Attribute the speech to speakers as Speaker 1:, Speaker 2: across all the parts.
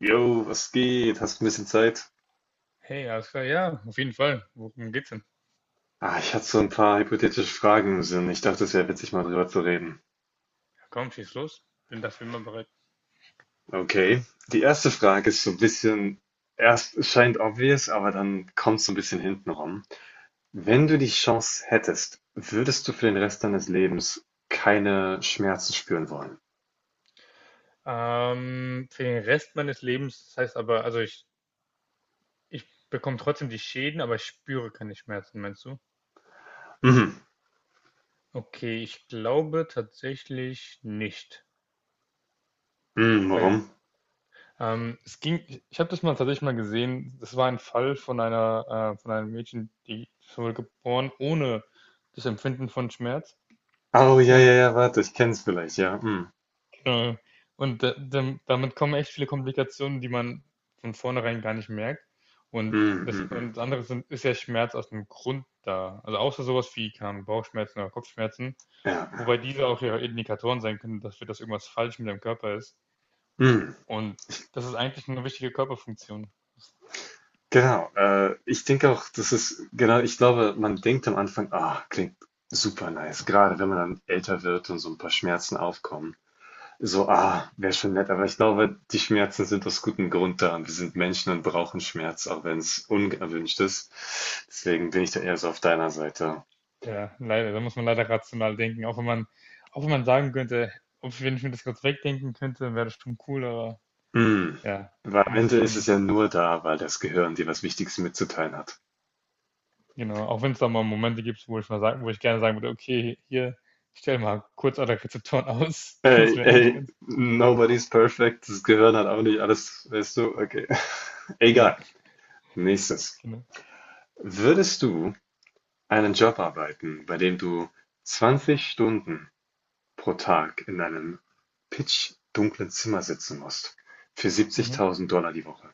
Speaker 1: Jo, was geht? Hast du ein bisschen Zeit?
Speaker 2: Hey, alles klar, ja, auf jeden Fall. Worum geht's denn?
Speaker 1: Ich hatte so ein paar hypothetische Fragen im Sinn. Ich dachte, es wäre witzig, mal drüber zu reden.
Speaker 2: Ja, komm, schieß los. Bin dafür immer bereit.
Speaker 1: Okay. Die erste Frage ist so ein bisschen, erst es scheint obvious, aber dann kommt es so ein bisschen hinten rum. Wenn du die Chance hättest, würdest du für den Rest deines Lebens keine Schmerzen spüren wollen?
Speaker 2: Für den Rest meines Lebens, das heißt aber, also ich bekomme trotzdem die Schäden, aber ich spüre keine Schmerzen, meinst du?
Speaker 1: Mhm.
Speaker 2: Okay, ich glaube tatsächlich nicht.
Speaker 1: Mhm,
Speaker 2: Weil
Speaker 1: warum?
Speaker 2: ich habe das mal tatsächlich mal gesehen. Das war ein Fall von von einem Mädchen, die wurde geboren ohne das Empfinden von Schmerz.
Speaker 1: Oh, ja, ja,
Speaker 2: Und
Speaker 1: ja, warte, ich kenn's vielleicht, ja. Mhm.
Speaker 2: Äh, Und damit kommen echt viele Komplikationen, die man von vornherein gar nicht merkt. Und
Speaker 1: Mhm,
Speaker 2: das,
Speaker 1: mhm, mhm.
Speaker 2: und das andere sind, ist ja Schmerz aus dem Grund da. Also außer sowas wie keine Bauchschmerzen oder Kopfschmerzen,
Speaker 1: Ja.
Speaker 2: wobei diese auch ja Indikatoren sein können dafür, dass irgendwas falsch mit dem Körper ist.
Speaker 1: Mhm.
Speaker 2: Und das ist eigentlich eine wichtige Körperfunktion.
Speaker 1: Genau, ich denke auch, das ist, genau, ich glaube, man denkt am Anfang, ah, klingt super nice, gerade wenn man dann älter wird und so ein paar Schmerzen aufkommen. So, ah, wäre schon nett, aber ich glaube, die Schmerzen sind aus gutem Grund da und wir sind Menschen und brauchen Schmerz, auch wenn es unerwünscht ist. Deswegen bin ich da eher so auf deiner Seite.
Speaker 2: Ja, leider, da muss man leider rational denken. Auch wenn man sagen könnte, ob, wenn ich mir das kurz wegdenken könnte, wäre das schon cool, aber
Speaker 1: Hm,
Speaker 2: ja,
Speaker 1: weil am
Speaker 2: musst du
Speaker 1: Ende ist es
Speaker 2: schon.
Speaker 1: ja nur da, weil das Gehirn dir was Wichtiges mitzuteilen hat.
Speaker 2: Genau, auch wenn es da mal Momente gibt, wo ich gerne sagen würde: „Okay, hier, stell mal kurz alle Rezeptoren aus.“ Das
Speaker 1: Ey,
Speaker 2: wäre eigentlich
Speaker 1: ey,
Speaker 2: ganz.
Speaker 1: nobody's perfect, das Gehirn hat auch nicht alles, weißt du, okay,
Speaker 2: Genau,
Speaker 1: egal. Nächstes.
Speaker 2: genau.
Speaker 1: Würdest du einen Job arbeiten, bei dem du 20 Stunden pro Tag in einem pitchdunklen Zimmer sitzen musst, für
Speaker 2: Mhm.
Speaker 1: 70.000 die Woche?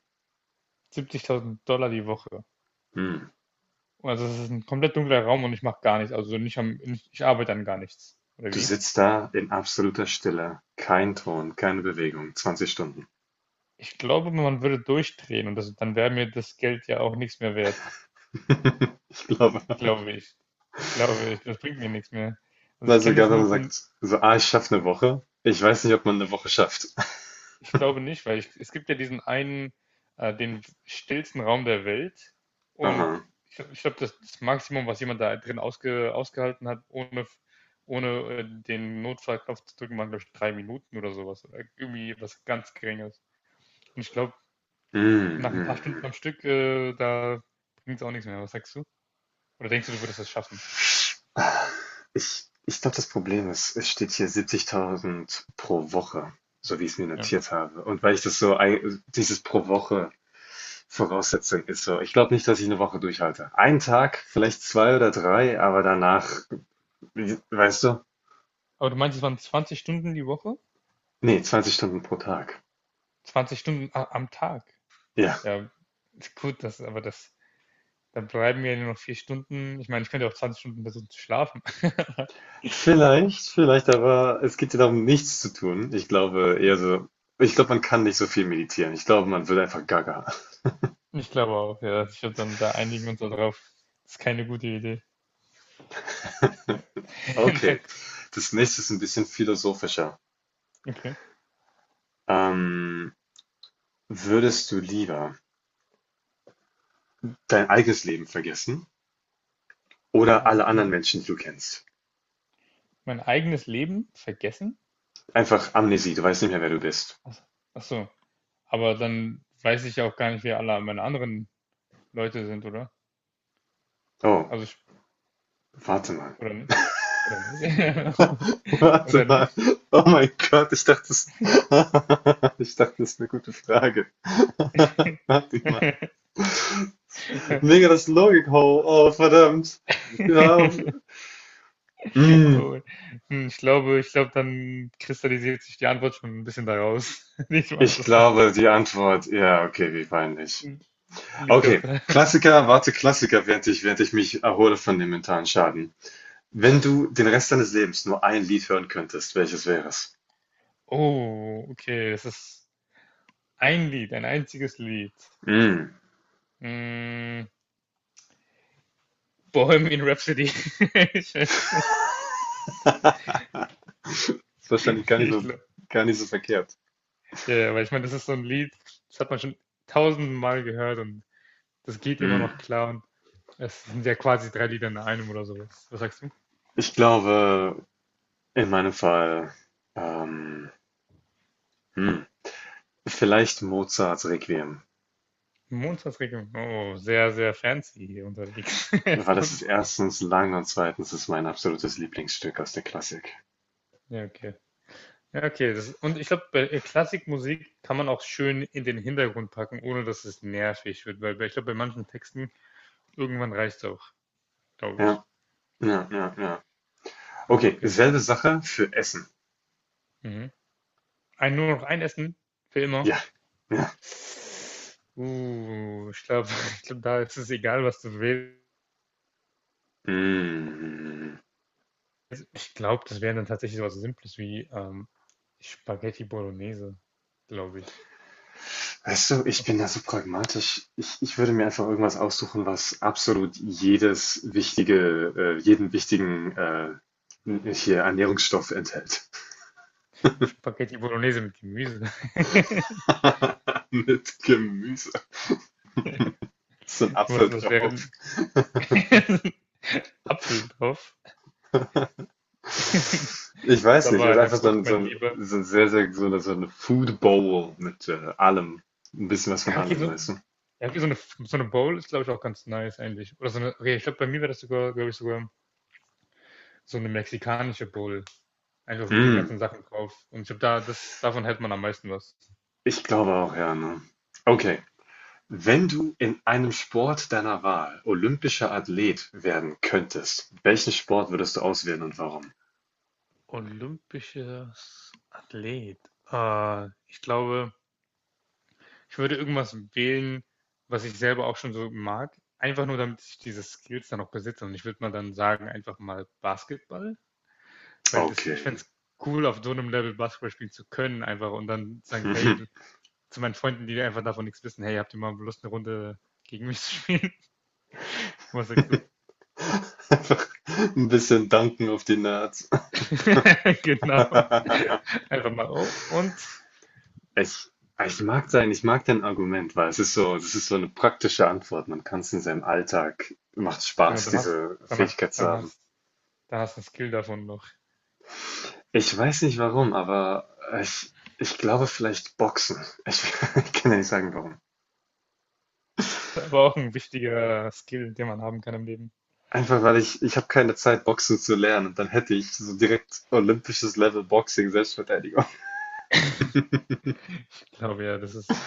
Speaker 2: 70.000 Dollar die Woche.
Speaker 1: Hm.
Speaker 2: Also, das ist ein komplett dunkler Raum und ich mache gar nichts, also nicht am nicht ich arbeite an gar nichts, oder
Speaker 1: Du
Speaker 2: wie?
Speaker 1: sitzt da in absoluter Stille, kein Ton, keine Bewegung, 20 Stunden.
Speaker 2: Ich glaube, man würde durchdrehen und das dann wäre mir das Geld ja auch nichts mehr wert,
Speaker 1: Ich glaube,
Speaker 2: glaube ich. Glaube ich, das bringt mir nichts mehr. Also,
Speaker 1: weil
Speaker 2: ich kenne das
Speaker 1: sogar wenn
Speaker 2: nur
Speaker 1: man
Speaker 2: von.
Speaker 1: sagt, so, ah, ich schaffe eine Woche, ich weiß nicht, ob man eine Woche schafft.
Speaker 2: Ich glaube nicht, weil ich, es gibt ja diesen einen, den stillsten Raum der Welt, und
Speaker 1: Aha.
Speaker 2: ich glaube, das Maximum, was jemand da drin ausgehalten hat, ohne den Notfallknopf zu drücken, waren, glaube ich, 3 Minuten oder sowas. Oder irgendwie was ganz Geringes. Und ich glaube,
Speaker 1: Hm,
Speaker 2: nach ein paar
Speaker 1: hm,
Speaker 2: Stunden am Stück, da bringt es auch nichts mehr. Was sagst du? Oder denkst du, du würdest das schaffen?
Speaker 1: hm. Ich glaube, das Problem ist, es steht hier 70.000 pro Woche, so wie ich es mir
Speaker 2: Ja.
Speaker 1: notiert habe. Und weil ich das so, dieses pro Woche Voraussetzung ist so, ich glaube nicht, dass ich eine Woche durchhalte. Einen Tag, vielleicht zwei oder drei, aber danach, weißt du?
Speaker 2: Aber du meinst, es waren 20 Stunden die Woche?
Speaker 1: Nee, 20 Stunden pro Tag.
Speaker 2: 20 Stunden am Tag.
Speaker 1: Ja,
Speaker 2: Ja, ist gut, das, aber das. Dann bleiben mir nur noch 4 Stunden. Ich meine, ich könnte auch 20 Stunden versuchen zu schlafen.
Speaker 1: vielleicht, vielleicht, aber es geht ja darum, nichts zu tun. Ich glaube eher so, ich glaube, man kann nicht so viel meditieren. Ich glaube, man wird einfach gaga.
Speaker 2: Ich glaube auch, ja. Ich würde dann da Einigen wir uns darauf. Ist keine gute Idee. Nein. Na,
Speaker 1: Okay, das nächste ist ein bisschen philosophischer.
Speaker 2: okay.
Speaker 1: Ähm, Würdest du lieber dein eigenes Leben vergessen
Speaker 2: Mein,
Speaker 1: oder
Speaker 2: eig-
Speaker 1: alle anderen
Speaker 2: hm.
Speaker 1: Menschen, die du kennst?
Speaker 2: Mein eigenes Leben vergessen?
Speaker 1: Einfach Amnesie, du weißt nicht mehr, wer du bist.
Speaker 2: Ach, so. Ach so. Aber dann weiß ich ja auch gar nicht, wer alle meine anderen Leute sind, oder?
Speaker 1: Oh,
Speaker 2: Also, ich-
Speaker 1: warte mal.
Speaker 2: oder nicht? Oder nicht?
Speaker 1: Warte
Speaker 2: Oder
Speaker 1: mal.
Speaker 2: nicht?
Speaker 1: Oh mein Gott, ich dachte, das, ich dachte, das ist eine gute Frage. Warte mal. Mega das Logik-Hole. Oh, oh, verdammt. Ja, mm,
Speaker 2: Oh, ich glaube, dann kristallisiert sich die Antwort schon ein bisschen daraus. Nicht mal
Speaker 1: ich
Speaker 2: sagen.
Speaker 1: glaube, die Antwort, ja, okay, wie peinlich.
Speaker 2: Hm, liegt auf
Speaker 1: Okay,
Speaker 2: der
Speaker 1: Klassiker, warte, Klassiker, während ich mich erhole von dem mentalen Schaden. Wenn du den Rest deines Lebens nur ein Lied hören könntest, welches wäre es?
Speaker 2: Oh, okay, das ist ein Lied, ein einziges Lied.
Speaker 1: Mm.
Speaker 2: Hm, Bohemian Rhapsody. Ich weiß es nicht.
Speaker 1: Das ist wahrscheinlich
Speaker 2: Ich glaube
Speaker 1: gar nicht so verkehrt.
Speaker 2: ja, ja, weil ich meine, das ist so ein Lied, das hat man schon tausendmal gehört, und das geht immer noch
Speaker 1: Mm.
Speaker 2: klar, und es sind ja quasi 3 Lieder in einem oder so was. Was sagst du?
Speaker 1: Ich glaube, in meinem Fall, ähm, hm, vielleicht Mozarts Requiem,
Speaker 2: Montagsregelung. Oh, sehr, sehr fancy hier unterwegs.
Speaker 1: weil das ist erstens lang und zweitens ist mein absolutes Lieblingsstück aus der Klassik.
Speaker 2: Ja, okay. Ja, okay. Das, und ich glaube, bei Klassikmusik kann man auch schön in den Hintergrund packen, ohne dass es nervig wird, ich glaube, bei manchen Texten irgendwann reicht es auch, glaube ich.
Speaker 1: Ja, ja, ja, ja.
Speaker 2: Ah,
Speaker 1: Okay,
Speaker 2: okay.
Speaker 1: selbe Sache für Essen.
Speaker 2: Mhm. Nur noch ein Essen für immer.
Speaker 1: Ja, ja.
Speaker 2: Ich glaube, ich glaub, da ist es egal, was du wählst.
Speaker 1: Mm.
Speaker 2: Ich glaube, das wäre dann tatsächlich sowas Simples wie Spaghetti Bolognese, glaube ich.
Speaker 1: Weißt du, ich bin da so pragmatisch. Ich würde mir einfach irgendwas aussuchen, was absolut jedes wichtige, jeden wichtigen hier Ernährungsstoff enthält.
Speaker 2: Spaghetti Bolognese mit Gemüse.
Speaker 1: Mit Gemüse. Ist so ein
Speaker 2: Was,
Speaker 1: Apfel
Speaker 2: was wäre
Speaker 1: drauf.
Speaker 2: Apfel drauf.
Speaker 1: Ich
Speaker 2: Das ist
Speaker 1: weiß nicht,
Speaker 2: aber
Speaker 1: ist
Speaker 2: eine
Speaker 1: einfach
Speaker 2: Frucht, mein Lieber.
Speaker 1: so ein sehr, sehr, so eine Food Bowl mit allem. Ein bisschen was von
Speaker 2: Ja, okay,
Speaker 1: allem,
Speaker 2: so,
Speaker 1: weißt
Speaker 2: ja, okay, so eine Bowl ist, glaube ich, auch ganz nice eigentlich. Oder so eine, okay, ich glaube, bei mir wäre das sogar, glaube ich, sogar so eine mexikanische Bowl. Einfach
Speaker 1: du?
Speaker 2: mit den
Speaker 1: Mm,
Speaker 2: ganzen Sachen drauf. Und ich glaube, davon hält man am meisten was.
Speaker 1: ich glaube auch, ja, ne? Okay. Wenn du in einem Sport deiner Wahl olympischer Athlet werden könntest, welchen Sport würdest du auswählen und warum?
Speaker 2: Olympisches Athlet. Ich glaube, ich würde irgendwas wählen, was ich selber auch schon so mag. Einfach nur, damit ich diese Skills dann auch besitze. Und ich würde mal dann sagen, einfach mal Basketball. Weil das, ich
Speaker 1: Okay.
Speaker 2: fände es cool, auf so einem Level Basketball spielen zu können, einfach und dann sagen, hey, zu meinen Freunden, die einfach davon nichts wissen, hey, habt ihr mal Lust, eine Runde gegen mich zu spielen? Was sagst du?
Speaker 1: Einfach ein bisschen danken auf die Nerds.
Speaker 2: Genau. Einfach mal, oh, und
Speaker 1: Ich mag dein Argument, weil es ist so das ist so eine praktische Antwort. Man kann es in seinem Alltag macht
Speaker 2: genau,
Speaker 1: Spaß,
Speaker 2: dann hast
Speaker 1: diese
Speaker 2: danach,
Speaker 1: Fähigkeit zu haben.
Speaker 2: dann hast du einen Skill davon noch.
Speaker 1: Ich weiß nicht warum, aber ich glaube vielleicht Boxen. Ich ich kann dir nicht sagen warum.
Speaker 2: Aber auch ein wichtiger Skill, den man haben kann im Leben.
Speaker 1: Einfach weil ich habe keine Zeit, Boxen zu lernen. Dann hätte ich so direkt olympisches Level Boxing, Selbstverteidigung.
Speaker 2: Ich glaube ja, das ist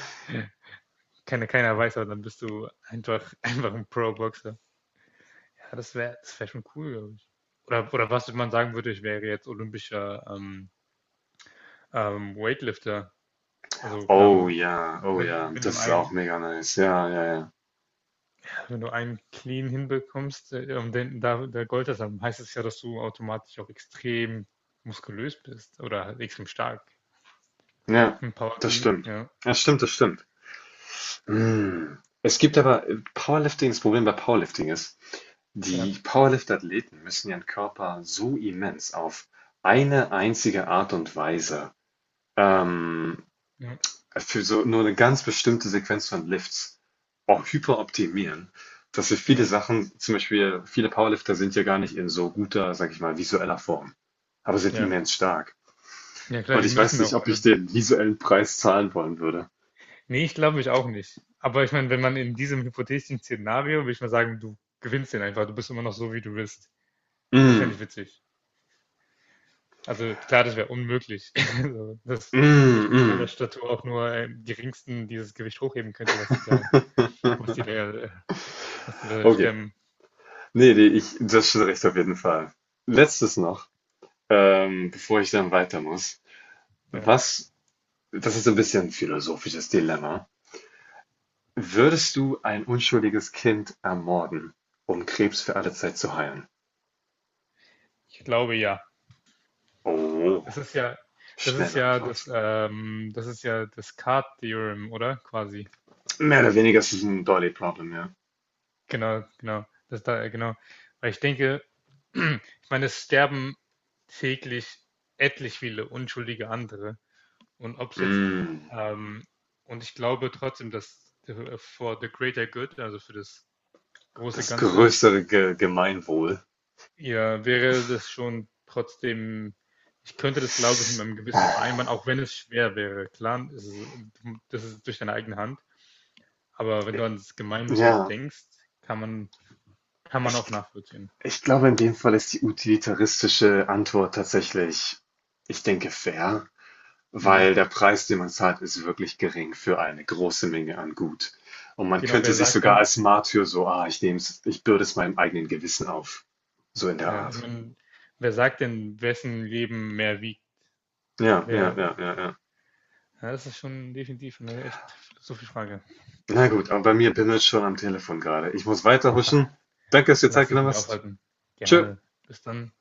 Speaker 2: keine, keiner weiß, aber dann bist du einfach, einfach ein Pro-Boxer. Ja, das wär schon cool, glaube ich. Oder was man sagen würde, ich wäre jetzt olympischer Weightlifter. Also, keine
Speaker 1: Oh
Speaker 2: Ahnung,
Speaker 1: ja, oh ja,
Speaker 2: wenn
Speaker 1: das
Speaker 2: du
Speaker 1: ist auch mega nice. Ja, ja, ja.
Speaker 2: wenn du einen Clean hinbekommst, und der Gold hast, dann heißt es ja, dass du automatisch auch extrem muskulös bist oder halt extrem stark.
Speaker 1: Ja,
Speaker 2: Ein Power
Speaker 1: das
Speaker 2: Clean,
Speaker 1: stimmt.
Speaker 2: ja.
Speaker 1: Das stimmt, das stimmt. Mm. Es gibt aber Powerlifting, das Problem bei Powerlifting ist,
Speaker 2: Ja,
Speaker 1: die Powerlift-Athleten müssen ihren Körper so immens auf eine einzige Art und Weise ähm,
Speaker 2: ja,
Speaker 1: für so nur eine ganz bestimmte Sequenz von Lifts auch hyperoptimieren, dass wir viele
Speaker 2: genau.
Speaker 1: Sachen, zum Beispiel viele Powerlifter sind ja gar nicht in so guter, sag ich mal, visueller Form, aber sind
Speaker 2: Ja.
Speaker 1: immens stark.
Speaker 2: Ja klar,
Speaker 1: Und
Speaker 2: die
Speaker 1: ich weiß
Speaker 2: müssen
Speaker 1: nicht,
Speaker 2: auch.
Speaker 1: ob
Speaker 2: Also,
Speaker 1: ich den visuellen Preis zahlen wollen würde.
Speaker 2: nee, ich glaube ich auch nicht. Aber ich meine, wenn man in diesem hypothetischen Szenario, würde ich mal sagen, du gewinnst den einfach, du bist immer noch so, wie du bist. Das
Speaker 1: Mm,
Speaker 2: fände ich witzig. Also klar, das wäre unmöglich, also, dass
Speaker 1: mm,
Speaker 2: ich mit meiner
Speaker 1: mm.
Speaker 2: Statur auch nur im geringsten dieses Gewicht hochheben könnte, was die da, äh, was die da
Speaker 1: Okay.
Speaker 2: stemmen.
Speaker 1: Nee, nee, ich, das ist schon recht auf jeden Fall. Letztes noch, bevor ich dann weiter muss.
Speaker 2: Ja,
Speaker 1: Was, das ist ein bisschen ein philosophisches Dilemma. Würdest du ein unschuldiges Kind ermorden, um Krebs für alle Zeit zu heilen?
Speaker 2: ich glaube ja.
Speaker 1: Oh,
Speaker 2: Das ist ja,
Speaker 1: schnelle Antwort.
Speaker 2: Das ist ja das Card-Theorem, oder? Quasi.
Speaker 1: Mehr oder weniger ist es ein Dolly Problem, ja.
Speaker 2: Genau, genau. Genau. Weil ich denke, ich meine, es sterben täglich etlich viele unschuldige andere. Und ob es jetzt,
Speaker 1: Mm,
Speaker 2: ähm, und ich glaube trotzdem, dass for the greater good, also für das große
Speaker 1: das
Speaker 2: Ganze,
Speaker 1: größere Ge Gemeinwohl.
Speaker 2: ja, wäre das schon trotzdem, ich könnte das, glaube ich, mit meinem Gewissen vereinbaren, auch wenn es schwer wäre. Klar, es ist, das ist durch deine eigene Hand, aber wenn du ans Gemeinwohl
Speaker 1: Ja,
Speaker 2: denkst, kann man, kann man
Speaker 1: ich,
Speaker 2: auch nachvollziehen.
Speaker 1: ich glaube, in dem Fall ist die utilitaristische Antwort tatsächlich, ich denke, fair.
Speaker 2: Mhm.
Speaker 1: Weil der Preis, den man zahlt, ist wirklich gering für eine große Menge an Gut. Und man
Speaker 2: Genau,
Speaker 1: könnte
Speaker 2: wer
Speaker 1: sich
Speaker 2: sagt
Speaker 1: sogar
Speaker 2: denn,
Speaker 1: als Martyr so, ah, ich nehm's, ich bürde es meinem eigenen Gewissen auf. So in der
Speaker 2: ja, ich
Speaker 1: Art.
Speaker 2: meine, wer sagt denn, wessen Leben mehr wiegt?
Speaker 1: Ja, ja,
Speaker 2: Wer,
Speaker 1: ja, ja, ja.
Speaker 2: ja, das ist schon definitiv eine echt philosophische Frage.
Speaker 1: Na gut, aber bei mir bimmelt schon am Telefon gerade. Ich muss
Speaker 2: Ah,
Speaker 1: weiterhuschen. Danke, dass du dir
Speaker 2: lass
Speaker 1: Zeit
Speaker 2: dich
Speaker 1: genommen
Speaker 2: nicht
Speaker 1: hast.
Speaker 2: aufhalten.
Speaker 1: Tschö.
Speaker 2: Gerne. Bis dann.